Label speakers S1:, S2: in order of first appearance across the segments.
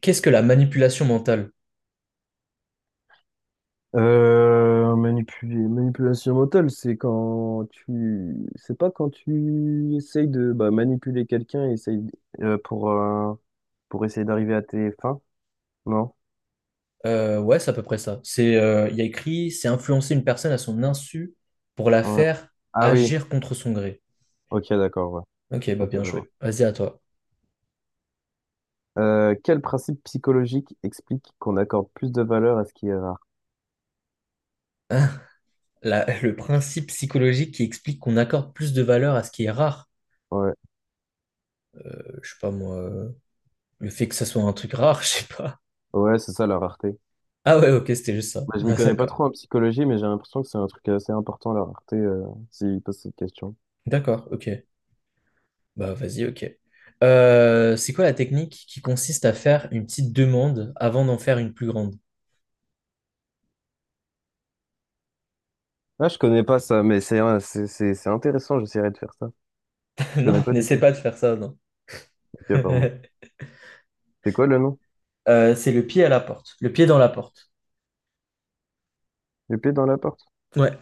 S1: Qu'est-ce que la manipulation mentale?
S2: Manipuler, manipulation mentale, c'est quand tu, c'est pas quand tu essayes de manipuler quelqu'un, et essaye euh, pour euh, pour essayer d'arriver à tes fins, non?
S1: Ouais, c'est à peu près ça. C'est, il y a écrit, c'est influencer une personne à son insu pour la
S2: Ouais.
S1: faire
S2: Ah oui,
S1: agir contre son gré.
S2: ok, d'accord, ouais.
S1: Ok, bah
S2: Ok,
S1: bien
S2: je vois.
S1: joué. Vas-y à toi.
S2: Quel principe psychologique explique qu'on accorde plus de valeur à ce qui est rare?
S1: Le principe psychologique qui explique qu'on accorde plus de valeur à ce qui est rare.
S2: Ouais,
S1: Je sais pas moi, le fait que ça soit un truc rare, je sais pas.
S2: ouais, c'est ça la rareté.
S1: Ah ouais, ok, c'était juste ça.
S2: Bah, je m'y
S1: Ah,
S2: connais pas
S1: d'accord.
S2: trop en psychologie, mais j'ai l'impression que c'est un truc assez important la rareté, s'il pose cette question.
S1: D'accord, ok. Bah vas-y, ok. C'est quoi la technique qui consiste à faire une petite demande avant d'en faire une plus grande?
S2: Ah, je connais pas ça, mais c'est intéressant. J'essaierai de faire ça. Je connais
S1: Non,
S2: pas du
S1: n'essaie
S2: tout.
S1: pas de faire ça, non.
S2: Ok, pardon. C'est quoi le nom?
S1: C'est le pied à la porte. Le pied dans la porte.
S2: Épée dans la porte?
S1: Ouais,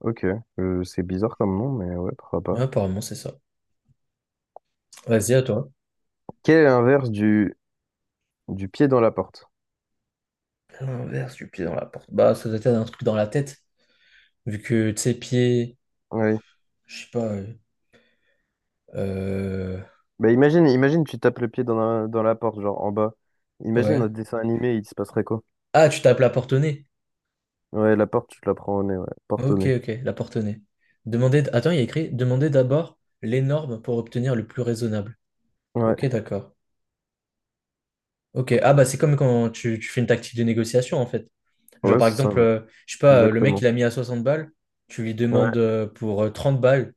S2: Ok, c'est bizarre comme nom, mais ouais, pourquoi
S1: mais
S2: pas.
S1: apparemment, c'est ça. Vas-y, à toi.
S2: Quel est l'inverse du pied dans la porte?
S1: L'inverse du pied dans la porte. Bah, ça doit être un truc dans la tête. Vu que, tu sais, pied,
S2: Oui.
S1: je sais pas, euh,
S2: Bah imagine tu tapes le pied dans la porte, genre en bas. Imagine
S1: ouais.
S2: un dessin animé, il se passerait quoi?
S1: Ah, tu tapes la porte au nez.
S2: Ouais, la porte, tu te la prends au nez, ouais. Porte au
S1: Ok,
S2: nez.
S1: ok, la porte au nez. Demandez, attends, il y a écrit, demandez d'abord les normes pour obtenir le plus raisonnable.
S2: Ouais,
S1: Ok, d'accord. Ok, ah bah c'est comme quand tu fais une tactique de négociation en fait. Genre,
S2: ouais,
S1: par
S2: c'est ça,
S1: exemple,
S2: ouais.
S1: je sais pas, le mec,
S2: Exactement.
S1: il a mis à 60 balles, tu lui
S2: Ouais,
S1: demandes pour 30 balles,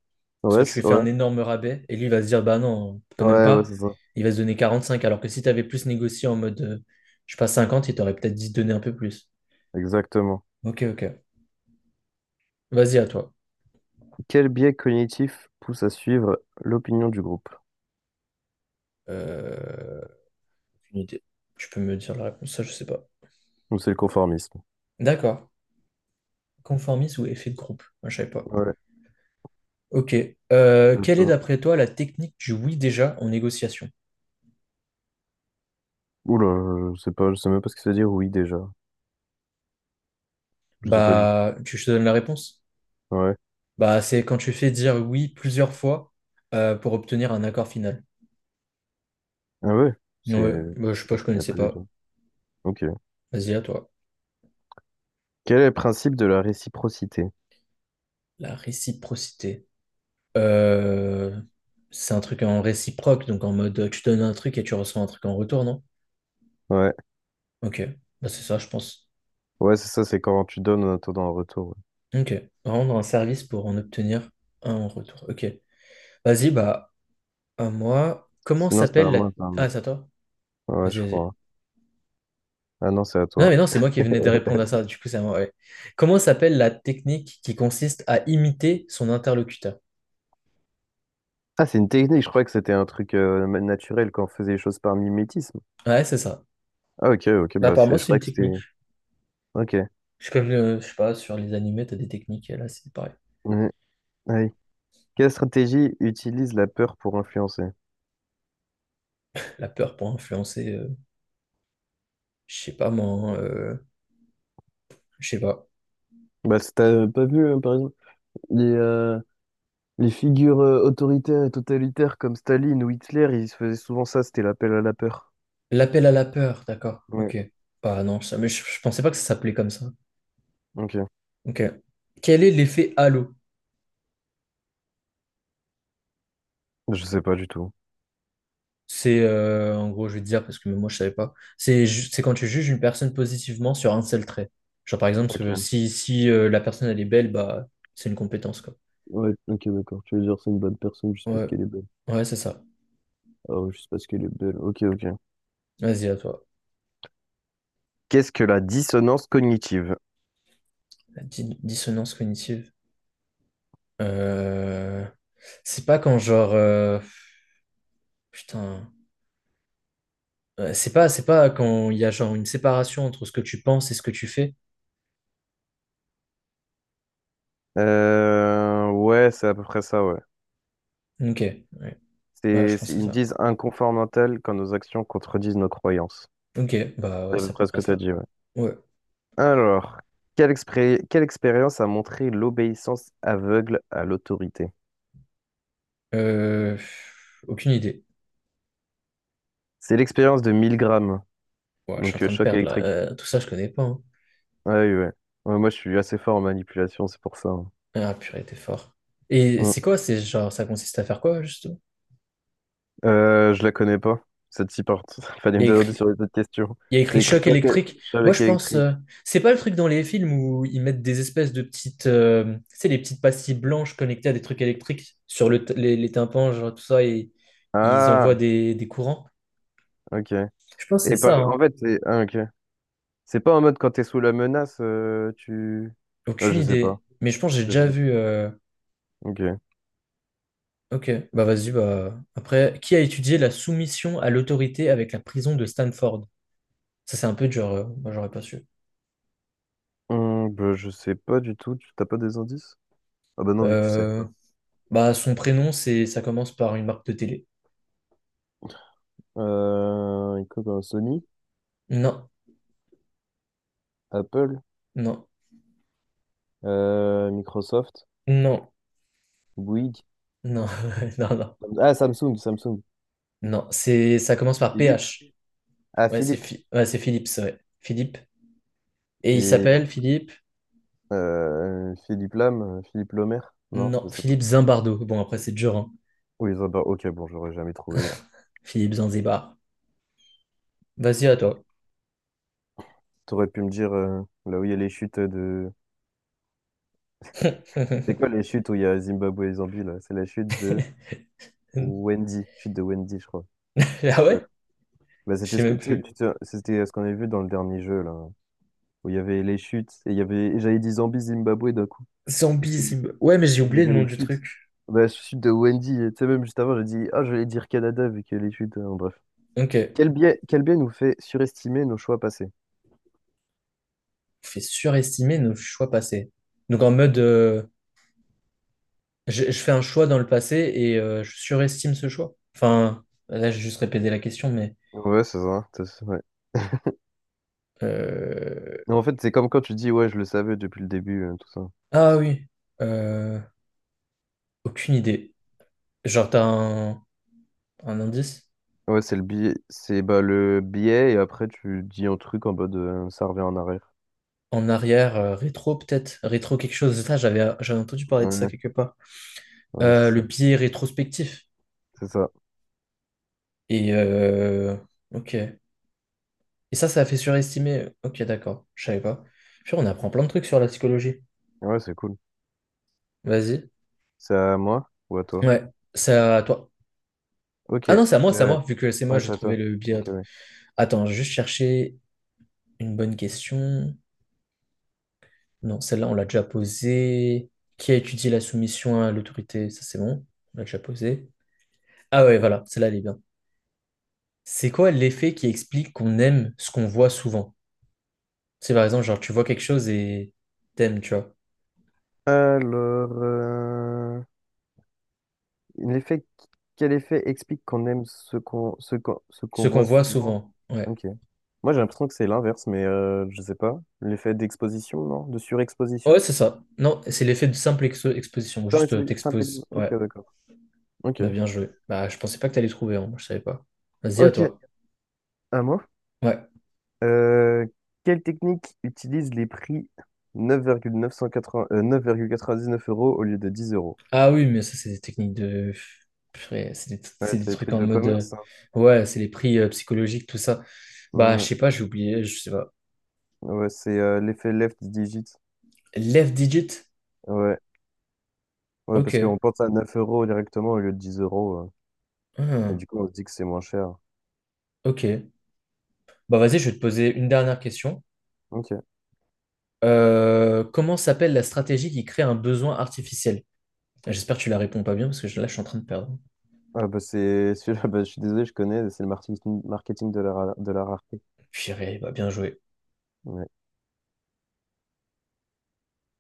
S1: parce que tu lui fais
S2: ouais,
S1: un énorme rabais, et lui, il va se dire, bah non, quand même
S2: ouais, ouais,
S1: pas,
S2: c'est ça.
S1: il va se donner 45, alors que si tu avais plus négocié en mode, je sais pas, 50, il t'aurait peut-être dit donner un peu plus.
S2: Exactement.
S1: Ok, ok. Vas-y, à toi.
S2: Quel biais cognitif pousse à suivre l'opinion du groupe?
S1: Euh, Aucune idée. Tu peux me dire la réponse, ça, je sais pas.
S2: Ou c'est le conformisme?
S1: D'accord. Conformisme ou effet de groupe? Moi, je savais pas.
S2: Ouais.
S1: Ok. Quelle est, d'après toi, la technique du oui déjà en négociation?
S2: Oula, je sais pas, je sais même pas ce que ça veut dire oui déjà. Je sais pas du tout.
S1: Bah, tu je te donne la réponse?
S2: Ouais.
S1: Bah, c'est quand tu fais dire oui plusieurs fois, pour obtenir un accord final.
S2: Ah ouais, c'est.
S1: Ouais, bah, je sais pas, je
S2: Je connais
S1: connaissais
S2: pas du
S1: pas.
S2: tout. Ok.
S1: Vas-y, à toi.
S2: Quel est le principe de la réciprocité?
S1: La réciprocité. Euh, c'est un truc en réciproque, donc en mode, tu donnes un truc et tu reçois un truc en retour, non?
S2: Ouais.
S1: Ok, bah, c'est ça, je pense.
S2: Ouais, c'est ça, c'est quand tu donnes en attendant un retour, ouais.
S1: Ok, rendre un service pour en obtenir un en retour. Ok, vas-y, bah, à moi. Comment
S2: Sinon, c'était
S1: s'appelle
S2: à
S1: la.
S2: moi. C'est à moi.
S1: Ah, c'est à toi?
S2: Ouais,
S1: Vas-y,
S2: je
S1: vas-y.
S2: crois. Ah non, c'est à
S1: Non,
S2: toi.
S1: mais non, c'est moi qui venais de répondre à ça. Du coup, c'est à moi, ouais. Comment s'appelle la technique qui consiste à imiter son interlocuteur?
S2: Ah, c'est une technique, je croyais que c'était un truc naturel quand on faisait les choses par mimétisme.
S1: Ouais, c'est ça.
S2: Ah ok, ok,
S1: Bah,
S2: bah
S1: apparemment,
S2: c'est. Je
S1: c'est une
S2: croyais que
S1: technique.
S2: c'était. Ok.
S1: Comme, je sais pas, sur les animés, t'as des techniques. Et là, c'est pareil.
S2: Mhm. Ouais. Quelle stratégie utilise la peur pour influencer?
S1: La peur pour influencer, je sais pas, moi, hein, je sais pas.
S2: Bah, t'as pas vu, hein, par exemple, les, euh, les figures autoritaires et totalitaires comme Staline ou Hitler, ils se faisaient souvent ça, c'était l'appel à la peur.
S1: L'appel à la peur, d'accord.
S2: Ouais,
S1: Ok. Bah, non, ça, mais je pensais pas que ça s'appelait comme ça.
S2: ok.
S1: Ok. Quel est l'effet halo?
S2: Je sais pas du tout.
S1: C'est, en gros, je vais te dire, parce que même moi, je savais pas. C'est quand tu juges une personne positivement sur un seul trait. Genre, par exemple,
S2: Ok.
S1: si la personne, elle est belle, bah, c'est une compétence, quoi.
S2: Ouais, ok, d'accord. Tu veux dire c'est une bonne personne juste parce
S1: Ouais,
S2: qu'elle est belle.
S1: ouais, c'est ça.
S2: Ah ouais, juste parce qu'elle est belle. Ok, ok.
S1: Vas-y, à toi.
S2: Qu'est-ce que la dissonance cognitive?
S1: La dissonance cognitive. Euh, C'est pas quand, genre, putain. C'est pas quand il y a, genre, une séparation entre ce que tu penses et ce que tu fais.
S2: Ouais, c'est à peu près ça, ouais.
S1: Ok, ouais. Bah, je pensais
S2: Ils me
S1: ça.
S2: disent inconfort mental quand nos actions contredisent nos croyances.
S1: Ok, bah ouais,
S2: C'est à peu
S1: c'est à peu
S2: près ce
S1: près
S2: que tu as
S1: ça.
S2: dit, ouais.
S1: Ouais.
S2: Alors, quelle expérience a montré l'obéissance aveugle à l'autorité?
S1: Euh, Aucune idée.
S2: C'est l'expérience de 1000 grammes,
S1: Ouais, je suis en
S2: donc
S1: train de
S2: choc
S1: perdre là.
S2: électrique.
S1: Tout ça, je connais pas, hein.
S2: Ah oui, ouais. Ouais, moi, je suis assez fort en manipulation, c'est pour ça, hein.
S1: Ah purée, t'es fort. Et
S2: Mm.
S1: c'est quoi? C'est genre, ça consiste à faire quoi, justement?
S2: Je la connais pas, cette six portes. Il fallait
S1: Il
S2: me
S1: y a
S2: demander
S1: écrit,
S2: sur les autres questions.
S1: il y a
S2: C'est
S1: écrit
S2: écrit
S1: choc
S2: choc, é-
S1: électrique. Moi,
S2: choc
S1: je pense,
S2: électrique.
S1: c'est pas le truc dans les films où ils mettent des espèces de petites, tu sais, les petites pastilles blanches connectées à des trucs électriques sur les tympans, genre tout ça, et ils
S2: Ah,
S1: envoient des courants.
S2: ok.
S1: Je pense que
S2: Et
S1: c'est
S2: pas,
S1: ça,
S2: en
S1: hein.
S2: fait, c'est ah, ok. C'est pas en mode quand t'es sous la menace, tu. Ah,
S1: Aucune
S2: je sais pas.
S1: idée. Mais je pense que j'ai
S2: Je sais
S1: déjà
S2: pas du-
S1: vu,
S2: Ok.
S1: ok, bah vas-y, bah après, qui a étudié la soumission à l'autorité avec la prison de Stanford? Ça, c'est un peu dur, moi, j'aurais pas su.
S2: Bah, je sais pas du tout. Tu t'as pas des indices? Ah bah non, vu que tu sais pas.
S1: Euh, Bah, son prénom, c'est, ça commence par une marque de télé.
S2: Écoute, Sony,
S1: Non,
S2: Apple,
S1: non,
S2: Microsoft,
S1: non,
S2: Bouygues.
S1: non, non, non,
S2: Ah, Samsung, Samsung.
S1: non. C'est, ça commence par
S2: Philippe?
S1: PH.
S2: Ah,
S1: Ouais,
S2: Philippe.
S1: Ouais, c'est Philips, ouais. Philippe. Et il
S2: Et
S1: s'appelle Philippe.
S2: Philippe Lam, Philippe Lomer. Non,
S1: Non,
S2: je sais pas.
S1: Philippe Zimbardo. Bon, après, c'est dur, hein.
S2: Oui, ça va. Ok, bon, j'aurais jamais trouvé.
S1: Philippe Zanzibar. Vas-y, à toi.
S2: T'aurais pu me dire là où il y a les chutes de. C'est quoi les chutes où il y a Zimbabwe et Zambie, là? C'est la chute de Wendy. Chute de Wendy, je crois.
S1: Ah
S2: Ouais.
S1: ouais?
S2: Bah,
S1: Je
S2: c'était
S1: sais
S2: ce que,
S1: même
S2: tu sais,
S1: plus.
S2: tu te- c'était ce qu'on avait vu dans le dernier jeu, là. Où il y avait les chutes. Et il y avait. J'avais dit Zambie, Zimbabwe d'un coup. Et c'était-
S1: Zambizib.
S2: et
S1: Ouais, mais j'ai
S2: il y
S1: oublié le
S2: avait
S1: nom
S2: les
S1: du
S2: chutes.
S1: truc.
S2: Bah, chute de Wendy. Tu sais, même juste avant, j'ai dit, ah, je vais dire Canada, vu qu'il y a les chutes, hein. Bref.
S1: Ok. On
S2: Quel biais nous fait surestimer nos choix passés?
S1: fait surestimer nos choix passés. Donc en mode, je fais un choix dans le passé et, je surestime ce choix. Enfin, là, j'ai juste répété la question, mais,
S2: C'est ça, ouais.
S1: euh,
S2: Mais en fait, c'est comme quand tu dis, ouais, je le savais depuis le début, tout ça.
S1: ah oui, euh, aucune idée. Genre, t'as un indice?
S2: Ouais, c'est le biais, c'est bah, le biais, et après, tu dis un truc en mode, ça revient en arrière.
S1: En arrière, rétro peut-être? Rétro quelque chose. Ça, j'avais entendu parler de ça
S2: Ouais,
S1: quelque part.
S2: ouais, c'est
S1: Le
S2: ça.
S1: biais rétrospectif.
S2: C'est ça.
S1: Et... euh, Ok. Et ça a fait surestimer. Ok, d'accord. Je savais pas. Puis on apprend plein de trucs sur la psychologie.
S2: Ouais, c'est cool.
S1: Vas-y.
S2: C'est à moi ou à toi?
S1: Ouais, c'est à toi.
S2: Ok.
S1: Ah non, c'est à
S2: Euh,
S1: moi, vu que c'est
S2: ouais,
S1: moi, j'ai
S2: c'est à
S1: trouvé
S2: toi.
S1: le biais.
S2: Ok, ouais.
S1: Attends, je vais juste chercher une bonne question. Non, celle-là, on l'a déjà posée. Qui a étudié la soumission à l'autorité? Ça, c'est bon. On l'a déjà posée. Ah ouais, voilà, celle-là, elle est bien. C'est quoi l'effet qui explique qu'on aime ce qu'on voit souvent? C'est par exemple, genre, tu vois quelque chose et t'aimes, tu vois.
S2: Alors, l'effet, quel effet explique qu'on aime ce qu'on, ce qu'on, ce
S1: Ce
S2: qu'on
S1: qu'on
S2: voit
S1: voit
S2: souvent?
S1: souvent. Ouais.
S2: Ok. Moi, j'ai l'impression que c'est l'inverse, mais je sais pas. L'effet d'exposition, non? De
S1: Ouais,
S2: surexposition?
S1: c'est ça. Non, c'est l'effet de simple exposition. Juste, t'exposes. Ouais.
S2: Ok, d'accord. Ok.
S1: Bah, bien joué. Bah, je pensais pas que t'allais trouver, hein. Je savais pas. Vas-y, à
S2: Ok,
S1: toi.
S2: à moi.
S1: Ouais.
S2: Euh, Quelle technique utilise les prix 9,980, 9,99 € au lieu de 10 euros?
S1: Ah oui, mais ça, c'est des techniques de, purée, C'est des,
S2: Ouais,
S1: c'est des
S2: c'est des
S1: trucs
S2: trucs
S1: en
S2: de
S1: mode,
S2: commerce, ça.
S1: ouais, c'est les prix, psychologiques, tout ça. Bah, je
S2: Ouais.
S1: sais pas, j'ai oublié, je sais pas.
S2: Ouais, c'est l'effet left digit.
S1: Left digit?
S2: Ouais. Ouais, parce
S1: Ok.
S2: qu'on pense à 9 € directement au lieu de 10 euros, euh, et
S1: Ah,
S2: du coup, on se dit que c'est moins cher.
S1: ok. Bah, vas-y, je vais te poser une dernière question.
S2: Ok.
S1: Comment s'appelle la stratégie qui crée un besoin artificiel? J'espère que tu la réponds pas bien, parce que là, je suis en train de perdre.
S2: Ah bah c'est celui-là, bah je suis désolé, je connais, c'est le marketing, de la rareté.
S1: Purée, bah, bien joué.
S2: Mais